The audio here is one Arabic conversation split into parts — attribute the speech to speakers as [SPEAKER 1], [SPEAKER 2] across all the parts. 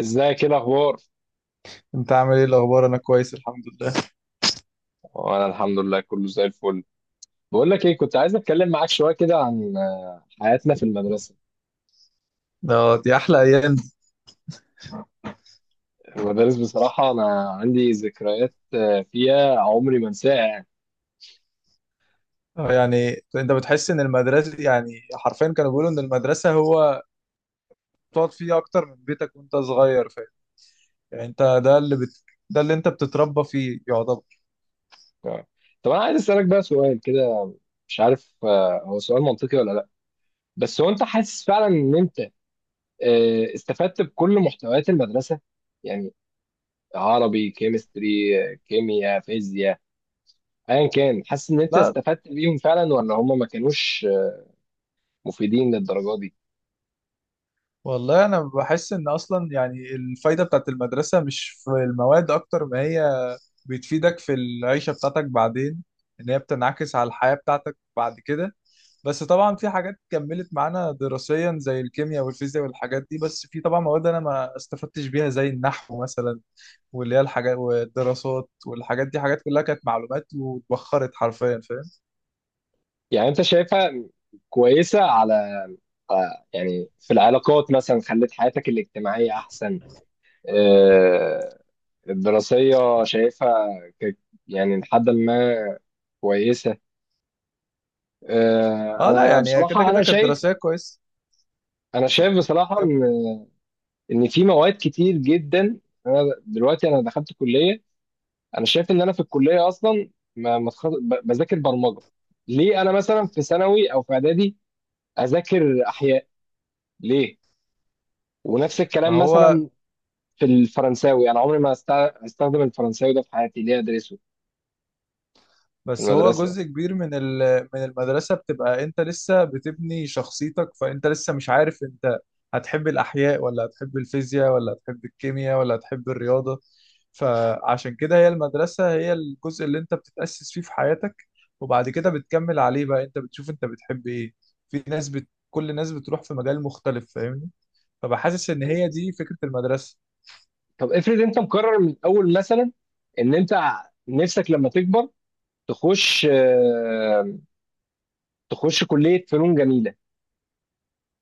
[SPEAKER 1] ازيك، ايه الاخبار؟
[SPEAKER 2] انت عامل ايه الاخبار؟ انا كويس الحمد لله.
[SPEAKER 1] وانا الحمد لله، كله زي الفل. بقول لك ايه، كنت عايز اتكلم معاك شويه كده عن حياتنا في المدرسه.
[SPEAKER 2] دي احلى ايام دي.
[SPEAKER 1] المدارس بصراحه انا عندي ذكريات فيها عمري ما انساها يعني.
[SPEAKER 2] اه، يعني انت بتحس ان المدرسه، يعني حرفيا كانوا بيقولوا ان المدرسه هو تقعد فيه اكتر من بيتك وانت صغير، فاهم؟ يعني انت ده اللي انت بتتربى فيه يعتبر.
[SPEAKER 1] ف- طب انا عايز اسالك بقى سؤال كده. مش عارف هو سؤال منطقي ولا لا، بس هو انت حاسس فعلا ان انت استفدت بكل محتويات المدرسه، يعني عربي، كيمستري، كيمياء، فيزياء، ايا كان، حاسس ان انت
[SPEAKER 2] لا،
[SPEAKER 1] استفدت بيهم فعلا ولا هم ما كانوش مفيدين للدرجه دي؟
[SPEAKER 2] والله انا بحس ان اصلا يعني الفايده بتاعت المدرسه مش في المواد اكتر ما هي بتفيدك في العيشة بتاعتك بعدين، إن هي بتنعكس على الحياة بتاعتك بعد كده. بس طبعا في حاجات كملت معانا دراسيا زي الكيمياء والفيزياء والحاجات دي، بس في طبعا مواد أنا ما استفدتش بيها زي النحو مثلا، واللي هي الحاجات والدراسات والحاجات دي حاجات كلها كانت معلومات واتبخرت حرفيا، فاهم؟
[SPEAKER 1] يعني انت شايفها كويسة على يعني في العلاقات مثلا خلت حياتك الاجتماعية احسن؟ آه، الدراسية شايفها ك- يعني لحد ما كويسة؟
[SPEAKER 2] اه لا،
[SPEAKER 1] انا
[SPEAKER 2] يعني كده
[SPEAKER 1] بصراحة انا
[SPEAKER 2] كده كانت
[SPEAKER 1] شايف،
[SPEAKER 2] دراسية كويس.
[SPEAKER 1] انا شايف بصراحة
[SPEAKER 2] كمل.
[SPEAKER 1] ان في مواد كتير جدا. انا دلوقتي انا دخلت كلية، انا شايف ان انا في الكلية اصلا ما بذاكر برمجة. ليه انا مثلا في ثانوي او في اعدادي اذاكر احياء؟ ليه؟ ونفس
[SPEAKER 2] ما
[SPEAKER 1] الكلام
[SPEAKER 2] هو،
[SPEAKER 1] مثلا في الفرنساوي، انا عمري ما استخدم الفرنساوي ده في حياتي، ليه ادرسه في
[SPEAKER 2] بس هو جزء
[SPEAKER 1] المدرسه؟
[SPEAKER 2] كبير من من المدرسة، بتبقى انت لسه بتبني شخصيتك، فانت لسه مش عارف انت هتحب الأحياء ولا هتحب الفيزياء ولا هتحب الكيمياء ولا هتحب الرياضة. فعشان كده هي المدرسة هي الجزء اللي انت بتتأسس فيه في حياتك، وبعد كده بتكمل عليه بقى، انت بتشوف انت بتحب ايه. في كل الناس بتروح في مجال مختلف، فاهمني؟ فبحاسس ان
[SPEAKER 1] طب
[SPEAKER 2] هي دي فكرة المدرسة.
[SPEAKER 1] طب افرض انت مقرر من الاول مثلا ان انت نفسك لما تكبر تخش تخش كليه فنون جميله،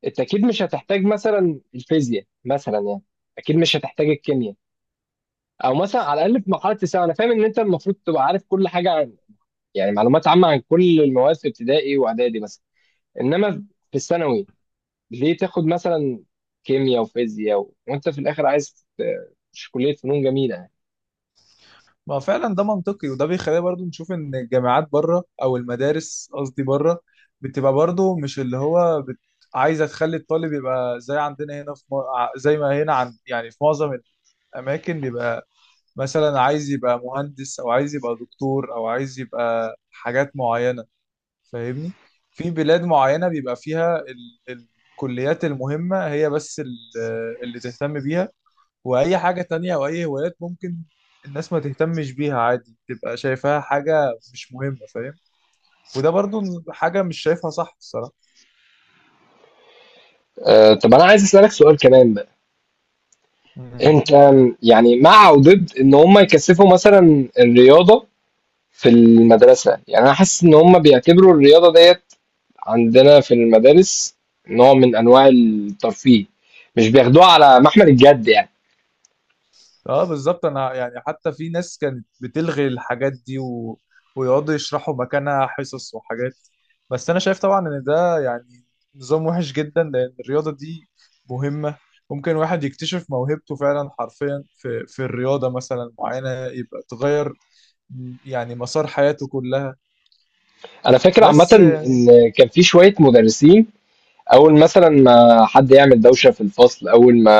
[SPEAKER 1] انت اكيد مش هتحتاج مثلا الفيزياء مثلا يعني، اكيد مش هتحتاج الكيمياء. او مثلا على الاقل في مرحله الثانوي، انا فاهم ان انت المفروض تبقى عارف كل حاجه عن، يعني معلومات عامه عن كل المواد في ابتدائي واعدادي مثلا، انما في الثانوي ليه تاخد مثلا كيمياء وفيزياء و... وانت في الاخر عايز مش كلية فنون جميلة يعني.
[SPEAKER 2] ما فعلا ده منطقي، وده بيخلينا برضو نشوف ان الجامعات بره او المدارس قصدي بره بتبقى برضو مش عايزه تخلي الطالب يبقى زي عندنا هنا في زي ما هنا يعني في معظم الاماكن بيبقى مثلا عايز يبقى مهندس او عايز يبقى دكتور او عايز يبقى حاجات معينه، فاهمني؟ في بلاد معينه بيبقى فيها ال... الكليات المهمه هي بس اللي تهتم بيها، واي حاجة تانية او اي هوايات ممكن الناس ما تهتمش بيها عادي، تبقى شايفاها حاجة مش مهمة، فاهم؟ وده برضو حاجة مش شايفها صح الصراحة.
[SPEAKER 1] أه، طب انا عايز اسالك سؤال كمان بقى.
[SPEAKER 2] مم.
[SPEAKER 1] انت يعني مع او ضد ان هم يكثفوا مثلا الرياضة في المدرسة؟ يعني انا حاسس ان هم بيعتبروا الرياضة ديت عندنا في المدارس نوع من انواع الترفيه، مش بياخدوها على محمل الجد يعني.
[SPEAKER 2] اه بالظبط، انا يعني حتى في ناس كانت بتلغي الحاجات دي ويقعدوا يشرحوا مكانها حصص وحاجات. بس انا شايف طبعا ان ده يعني نظام وحش جدا لان الرياضة دي مهمة، ممكن واحد يكتشف موهبته فعلا حرفيا في الرياضة مثلا معينة، يبقى تغير يعني مسار حياته كلها.
[SPEAKER 1] انا فاكر عامة
[SPEAKER 2] بس
[SPEAKER 1] ان
[SPEAKER 2] يعني
[SPEAKER 1] كان في شوية مدرسين، اول مثلا ما حد يعمل دوشة في الفصل، اول ما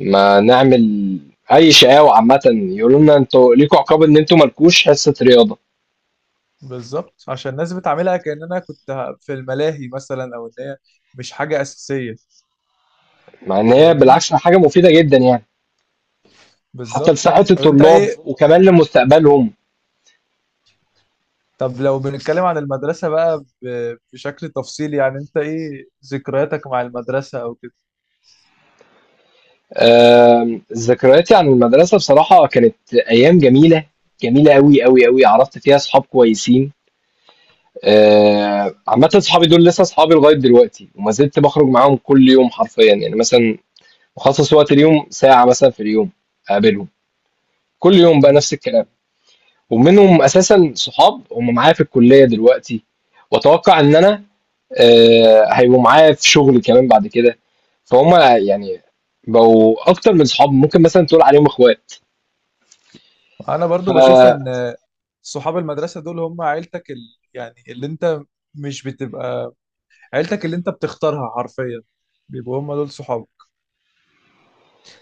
[SPEAKER 1] ما نعمل اي شقاوة، عامة يقولوا لنا انتوا ليكوا عقاب ان انتوا مالكوش حصة رياضة.
[SPEAKER 2] بالظبط عشان الناس بتعملها كأننا في الملاهي مثلا، او ان هي مش حاجة أساسية،
[SPEAKER 1] مع ان هي
[SPEAKER 2] فاهمني؟
[SPEAKER 1] بالعكس حاجة مفيدة جدا يعني، حتى
[SPEAKER 2] بالظبط.
[SPEAKER 1] لصحة
[SPEAKER 2] طب انت
[SPEAKER 1] الطلاب
[SPEAKER 2] ايه،
[SPEAKER 1] وكمان لمستقبلهم.
[SPEAKER 2] طب لو بنتكلم عن المدرسة بقى بشكل تفصيلي، يعني انت ايه ذكرياتك مع المدرسة او كده؟
[SPEAKER 1] ذكرياتي عن المدرسة بصراحة كانت ايام جميلة، جميلة قوي قوي قوي. عرفت فيها صحاب كويسين. عامة صحابي دول لسه صحابي لغاية دلوقتي، وما زلت بخرج معاهم كل يوم حرفيا يعني، مثلا بخصص وقت اليوم ساعة مثلا في اليوم اقابلهم، كل يوم بقى
[SPEAKER 2] مم.
[SPEAKER 1] نفس الكلام. ومنهم اساسا صحاب هم معايا في الكليه دلوقتي، واتوقع ان انا هيبقوا معايا في شغل كمان بعد كده. فهم يعني بقوا اكتر من صحاب، ممكن مثلا تقول عليهم اخوات.
[SPEAKER 2] انا
[SPEAKER 1] ف
[SPEAKER 2] برضو بشوف ان صحاب المدرسة دول هم عيلتك. يعني اللي انت مش بتبقى عيلتك اللي انت بتختارها حرفيا، بيبقوا هم دول صحابك.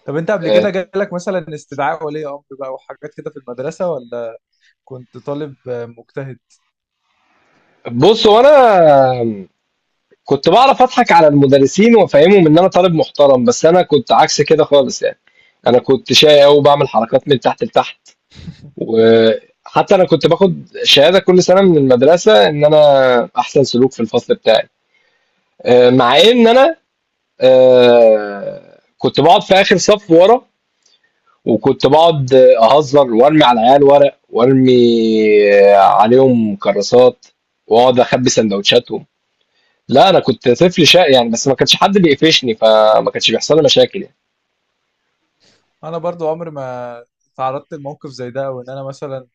[SPEAKER 2] طب انت قبل كده
[SPEAKER 1] آه،
[SPEAKER 2] جالك مثلا استدعاء ولي امر بقى وحاجات كده في المدرسة، ولا كنت طالب مجتهد؟
[SPEAKER 1] بص، وانا كنت بعرف اضحك على المدرسين وافهمهم ان انا طالب محترم، بس انا كنت عكس كده خالص يعني. انا كنت شقي قوي، وبعمل حركات من تحت لتحت. وحتى انا كنت باخد شهاده كل سنه من المدرسه ان انا احسن سلوك في الفصل بتاعي، مع ان انا كنت بقعد في اخر صف ورا، وكنت بقعد اهزر وارمي على العيال ورق، وارمي عليهم كراسات، واقعد اخبي سندوتشاتهم. لا، انا كنت طفل شقي يعني، بس ما كانش حد بيقفشني فما كانش بيحصل لي مشاكل يعني.
[SPEAKER 2] انا برضو عمري ما تعرضت لموقف زي ده، وان انا مثلا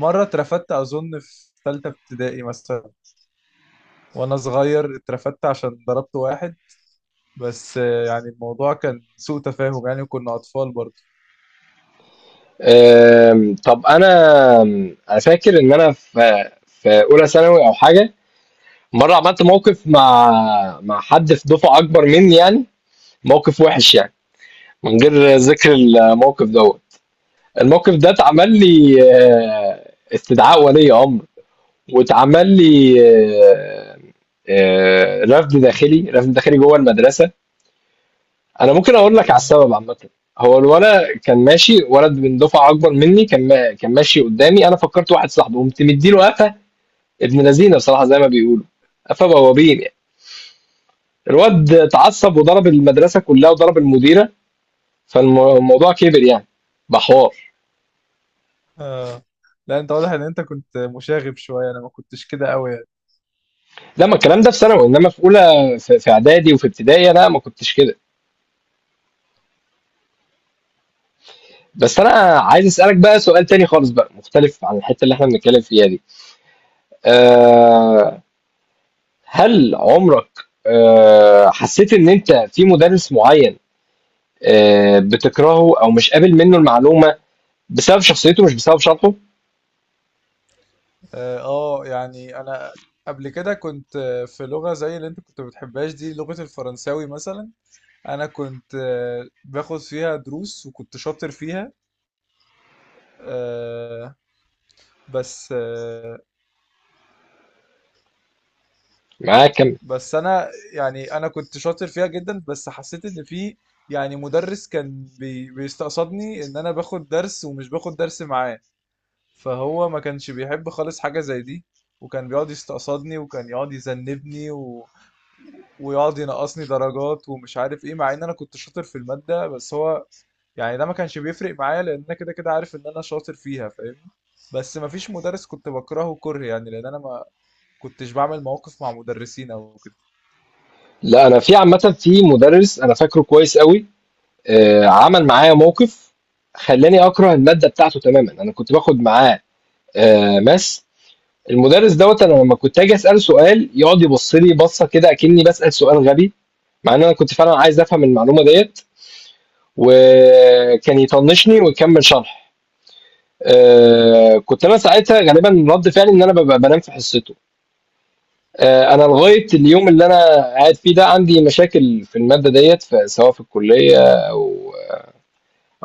[SPEAKER 2] مره اترفدت اظن في ثالثه ابتدائي مثلا، وانا صغير اترفدت عشان ضربت واحد، بس يعني الموضوع كان سوء تفاهم يعني، وكنا اطفال برضو.
[SPEAKER 1] طب انا فاكر ان انا في اولى ثانوي او حاجه مره عملت موقف مع حد في دفعه اكبر مني يعني. موقف وحش يعني، من غير ذكر الموقف دوت. الموقف ده اتعمل لي استدعاء ولي امر، واتعمل لي رفض داخلي جوه المدرسه. انا ممكن اقول لك على
[SPEAKER 2] اه
[SPEAKER 1] السبب عامه. هو الولد كان ماشي، ولد من دفعه اكبر مني، كان ما كان ماشي قدامي، انا فكرت واحد صاحبي قمت مديله قفا، ابن لذينه بصراحه زي ما بيقولوا، قفا بوابين يعني. الواد اتعصب وضرب المدرسه كلها وضرب المديره، فالموضوع كبر يعني بحوار.
[SPEAKER 2] آه. لا، انت واضح ان انت كنت مشاغب شويه، انا ما كنتش كده قوي يعني.
[SPEAKER 1] لا، ما الكلام ده في ثانوي، انما في اولى، في اعدادي وفي ابتدائي لا ما كنتش كده. بس انا عايز اسالك بقى سؤال تاني خالص بقى، مختلف عن الحته اللي احنا بنتكلم فيها دي. أه، هل عمرك أه حسيت ان انت في مدرس معين أه بتكرهه او مش قابل منه المعلومه بسبب شخصيته مش بسبب شرحه؟
[SPEAKER 2] اه يعني انا قبل كده كنت في لغه زي اللي انت كنت بتحبهاش دي، لغه الفرنساوي مثلا. انا كنت باخد فيها دروس وكنت شاطر فيها، آه، بس آه،
[SPEAKER 1] معاك كم؟
[SPEAKER 2] بس انا يعني انا كنت شاطر فيها جدا، بس حسيت ان في يعني مدرس كان بيستقصدني، ان انا باخد درس ومش باخد درس معاه، فهو ما كانش بيحب خالص حاجة زي دي، وكان بيقعد يستقصدني وكان يقعد يذنبني ويقعد ينقصني درجات ومش عارف ايه، مع ان انا كنت شاطر في المادة، بس هو يعني ده ما كانش بيفرق معايا لان انا كده كده عارف ان انا شاطر فيها، فاهمني؟ بس ما فيش مدرس كنت بكرهه كره يعني، لان انا ما كنتش بعمل مواقف مع مدرسين او كده.
[SPEAKER 1] لا، انا في عامه في مدرس انا فاكره كويس قوي، أه، عمل معايا موقف خلاني اكره الماده بتاعته تماما. انا كنت باخد معاه آه ماس. المدرس دوّة أنا لمّا كنت آجي أسأله سؤال يقعد يبُص لي بَصّة كده أكنّي باسأل سؤال غبي، مع إن أنا كنت فعلًا عايز أفهم المعلومة ديّة، وكان يطنّشني ويكمّل شرح. كنت أنا ساعتها غالبًا رَد فعلي إن أنا بابقى بانام في حصته. أنا لغاية اليوم اللي أنا قاعد فيه ده عندي مشاكل في المادة ديّة، ف سواء في الكلية أو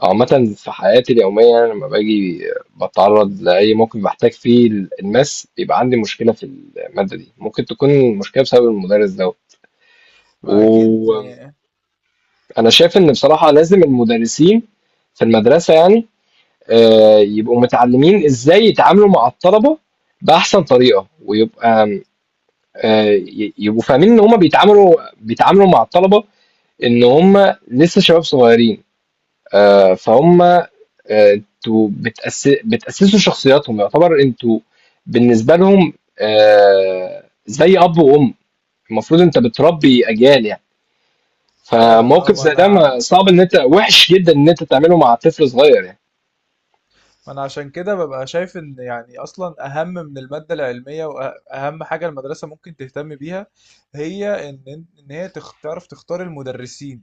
[SPEAKER 1] عامة في حياتي اليومية، أنا لما باجي بتعرض لأي موقف بحتاج فيه الناس، بيبقى عندي مشكلة في المادة دي، ممكن تكون المشكلة بسبب المدرس ده.
[SPEAKER 2] ما اكيد
[SPEAKER 1] وأنا
[SPEAKER 2] يعني.
[SPEAKER 1] شايف إن بصراحة لازم المدرسين في المدرسة يعني يبقوا متعلمين إزاي يتعاملوا مع الطلبة بأحسن طريقة، ويبقى يبقوا فاهمين إن هما بيتعاملوا مع الطلبة، إن هما لسه شباب صغيرين، فهم انتوا بتأسسوا شخصياتهم، يعتبر انتوا بالنسبة لهم زي أب وأم. المفروض انت بتربي أجيال يعني،
[SPEAKER 2] فعلا اه،
[SPEAKER 1] فموقف زي ده ما صعب، ان انت وحش جدا ان انت تعمله مع طفل صغير يعني.
[SPEAKER 2] ما انا عشان كده ببقى شايف ان يعني اصلا اهم من المادة العلمية واهم حاجة المدرسة ممكن تهتم بيها هي ان هي تعرف تختار المدرسين.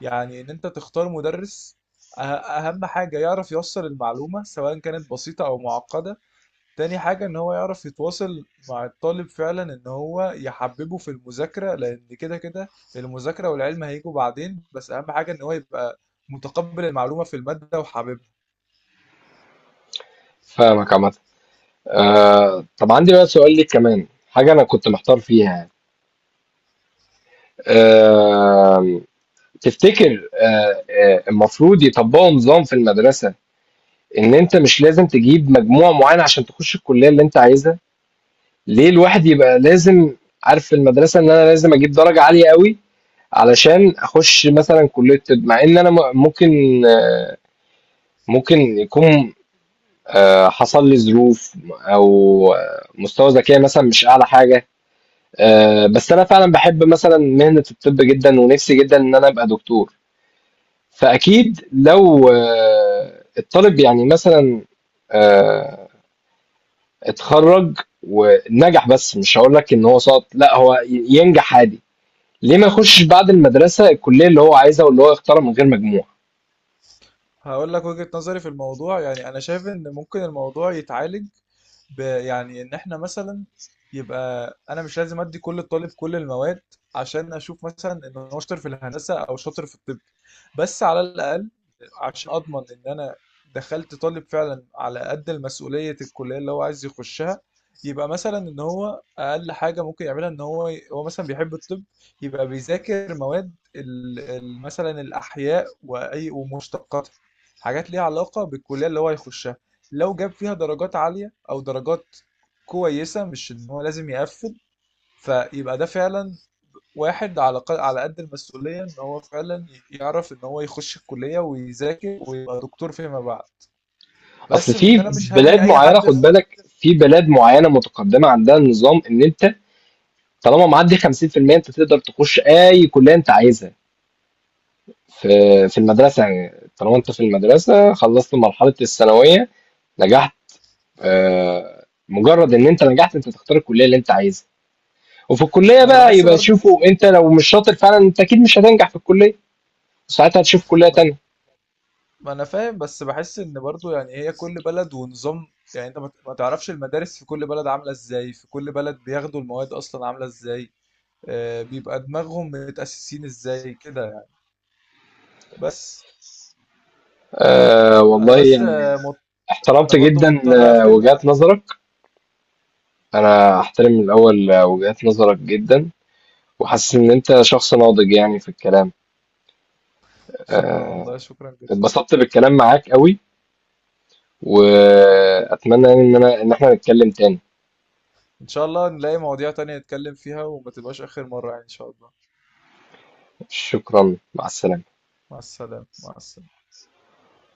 [SPEAKER 2] يعني ان انت تختار مدرس، أه- اهم حاجة يعرف يوصل المعلومة سواء كانت بسيطة او معقدة. تاني حاجة ان هو يعرف يتواصل مع الطالب فعلا، ان هو يحببه في المذاكرة، لان كده كده المذاكرة والعلم هيجوا بعدين، بس اهم حاجة ان هو يبقى متقبل المعلومة في المادة وحاببها.
[SPEAKER 1] فاهمك عامة. طب عندي بقى سؤال ليك، كمان حاجة أنا كنت محتار فيها يعني. آه، تفتكر المفروض يطبقوا نظام في المدرسة إن أنت مش لازم تجيب مجموع معين عشان تخش الكلية اللي أنت عايزها؟ ليه الواحد يبقى لازم عارف في المدرسة إن أنا لازم أجيب درجة عالية أوي علشان أخش مثلًا كلية طب، مع إن أنا ممكن ممكن يكون حصل لي ظروف أو مستوى ذكائي مثلًا مش أعلى حاجة، بس أنا فعلًا باحب مثلًا مهنة الطب جدًا ونفسي جدًا إن أنا أبقى دكتور. فأكيد لو الطالب يعني مثلًا آآ اتخرّج ونجح، بس مش هاقول لك إن هو سقط، لأ هو ينجح عادي. ليه ما يخشش بعد المدرسة الكلية اللي هو عايزها واللي هو يختارها من غير مجموع؟
[SPEAKER 2] هقول لك وجهة نظري في الموضوع، يعني انا شايف ان ممكن الموضوع يتعالج يعني ان احنا مثلا، يبقى انا مش لازم ادي كل طالب كل المواد عشان اشوف مثلا ان هو شاطر في الهندسه او شاطر في الطب، بس على الاقل عشان اضمن ان انا دخلت طالب فعلا على قد المسؤوليه الكليه اللي هو عايز يخشها، يبقى مثلا ان هو اقل حاجه ممكن يعملها ان هو مثلا بيحب الطب، يبقى بيذاكر مواد مثلا الاحياء واي ومشتقاتها، حاجات ليها علاقه بالكليه اللي هو هيخشها. لو جاب فيها درجات عالية أو درجات كويسة، مش إن هو لازم يقفل، فيبقى ده فعلا واحد على على قد المسؤولية، إن هو فعلا يعرف إن هو يخش الكلية ويذاكر ويبقى دكتور فيما بعد،
[SPEAKER 1] اصل
[SPEAKER 2] بس من
[SPEAKER 1] في
[SPEAKER 2] إن أنا مش هرمي
[SPEAKER 1] بلاد
[SPEAKER 2] أي
[SPEAKER 1] معينة،
[SPEAKER 2] حد
[SPEAKER 1] خد
[SPEAKER 2] في.
[SPEAKER 1] بالك، في بلاد معينة متقدمة عندها النظام ان انت طالما معدي 50% انت تقدر تخش اي كلية انت عايزها في المدرسة يعني، طالما انت في المدرسة خلصت مرحلة الثانوية نجحت، مجرد ان انت نجحت انت تختار الكلية اللي انت عايزها، وفي الكلية
[SPEAKER 2] ما أنا
[SPEAKER 1] بقى
[SPEAKER 2] بحس
[SPEAKER 1] يبقى
[SPEAKER 2] برضه،
[SPEAKER 1] شوفوا، انت لو مش شاطر فعلا انت اكيد مش هتنجح في الكلية، ساعتها هتشوف كلية
[SPEAKER 2] ما أنا
[SPEAKER 1] تانية.
[SPEAKER 2] ما أنا فاهم، بس بحس إن برضه يعني هي كل بلد ونظام، يعني أنت ما تعرفش المدارس في كل بلد عاملة إزاي، في كل بلد بياخدوا المواد أصلا عاملة إزاي، بيبقى دماغهم متأسسين إزاي كده يعني. بس
[SPEAKER 1] آه
[SPEAKER 2] انا
[SPEAKER 1] والله
[SPEAKER 2] بس
[SPEAKER 1] يعني،
[SPEAKER 2] آه، مض... انا
[SPEAKER 1] احترمت
[SPEAKER 2] برضو
[SPEAKER 1] جدا
[SPEAKER 2] مضطر اقفل.
[SPEAKER 1] وجهات نظرك. انا احترم من الاول وجهات نظرك جدا، وحاسس ان انت شخص ناضج يعني في الكلام.
[SPEAKER 2] شكرا،
[SPEAKER 1] آه،
[SPEAKER 2] والله شكرا جدا.
[SPEAKER 1] اتبسطت بالكلام معاك قوي، واتمنى يعني ان انا ان احنا نتكلم تاني.
[SPEAKER 2] ان شاء الله نلاقي مواضيع تانية نتكلم فيها وما تبقاش اخر مرة يعني ان شاء الله.
[SPEAKER 1] شكرا، مع السلامة.
[SPEAKER 2] مع السلامة، مع السلامة.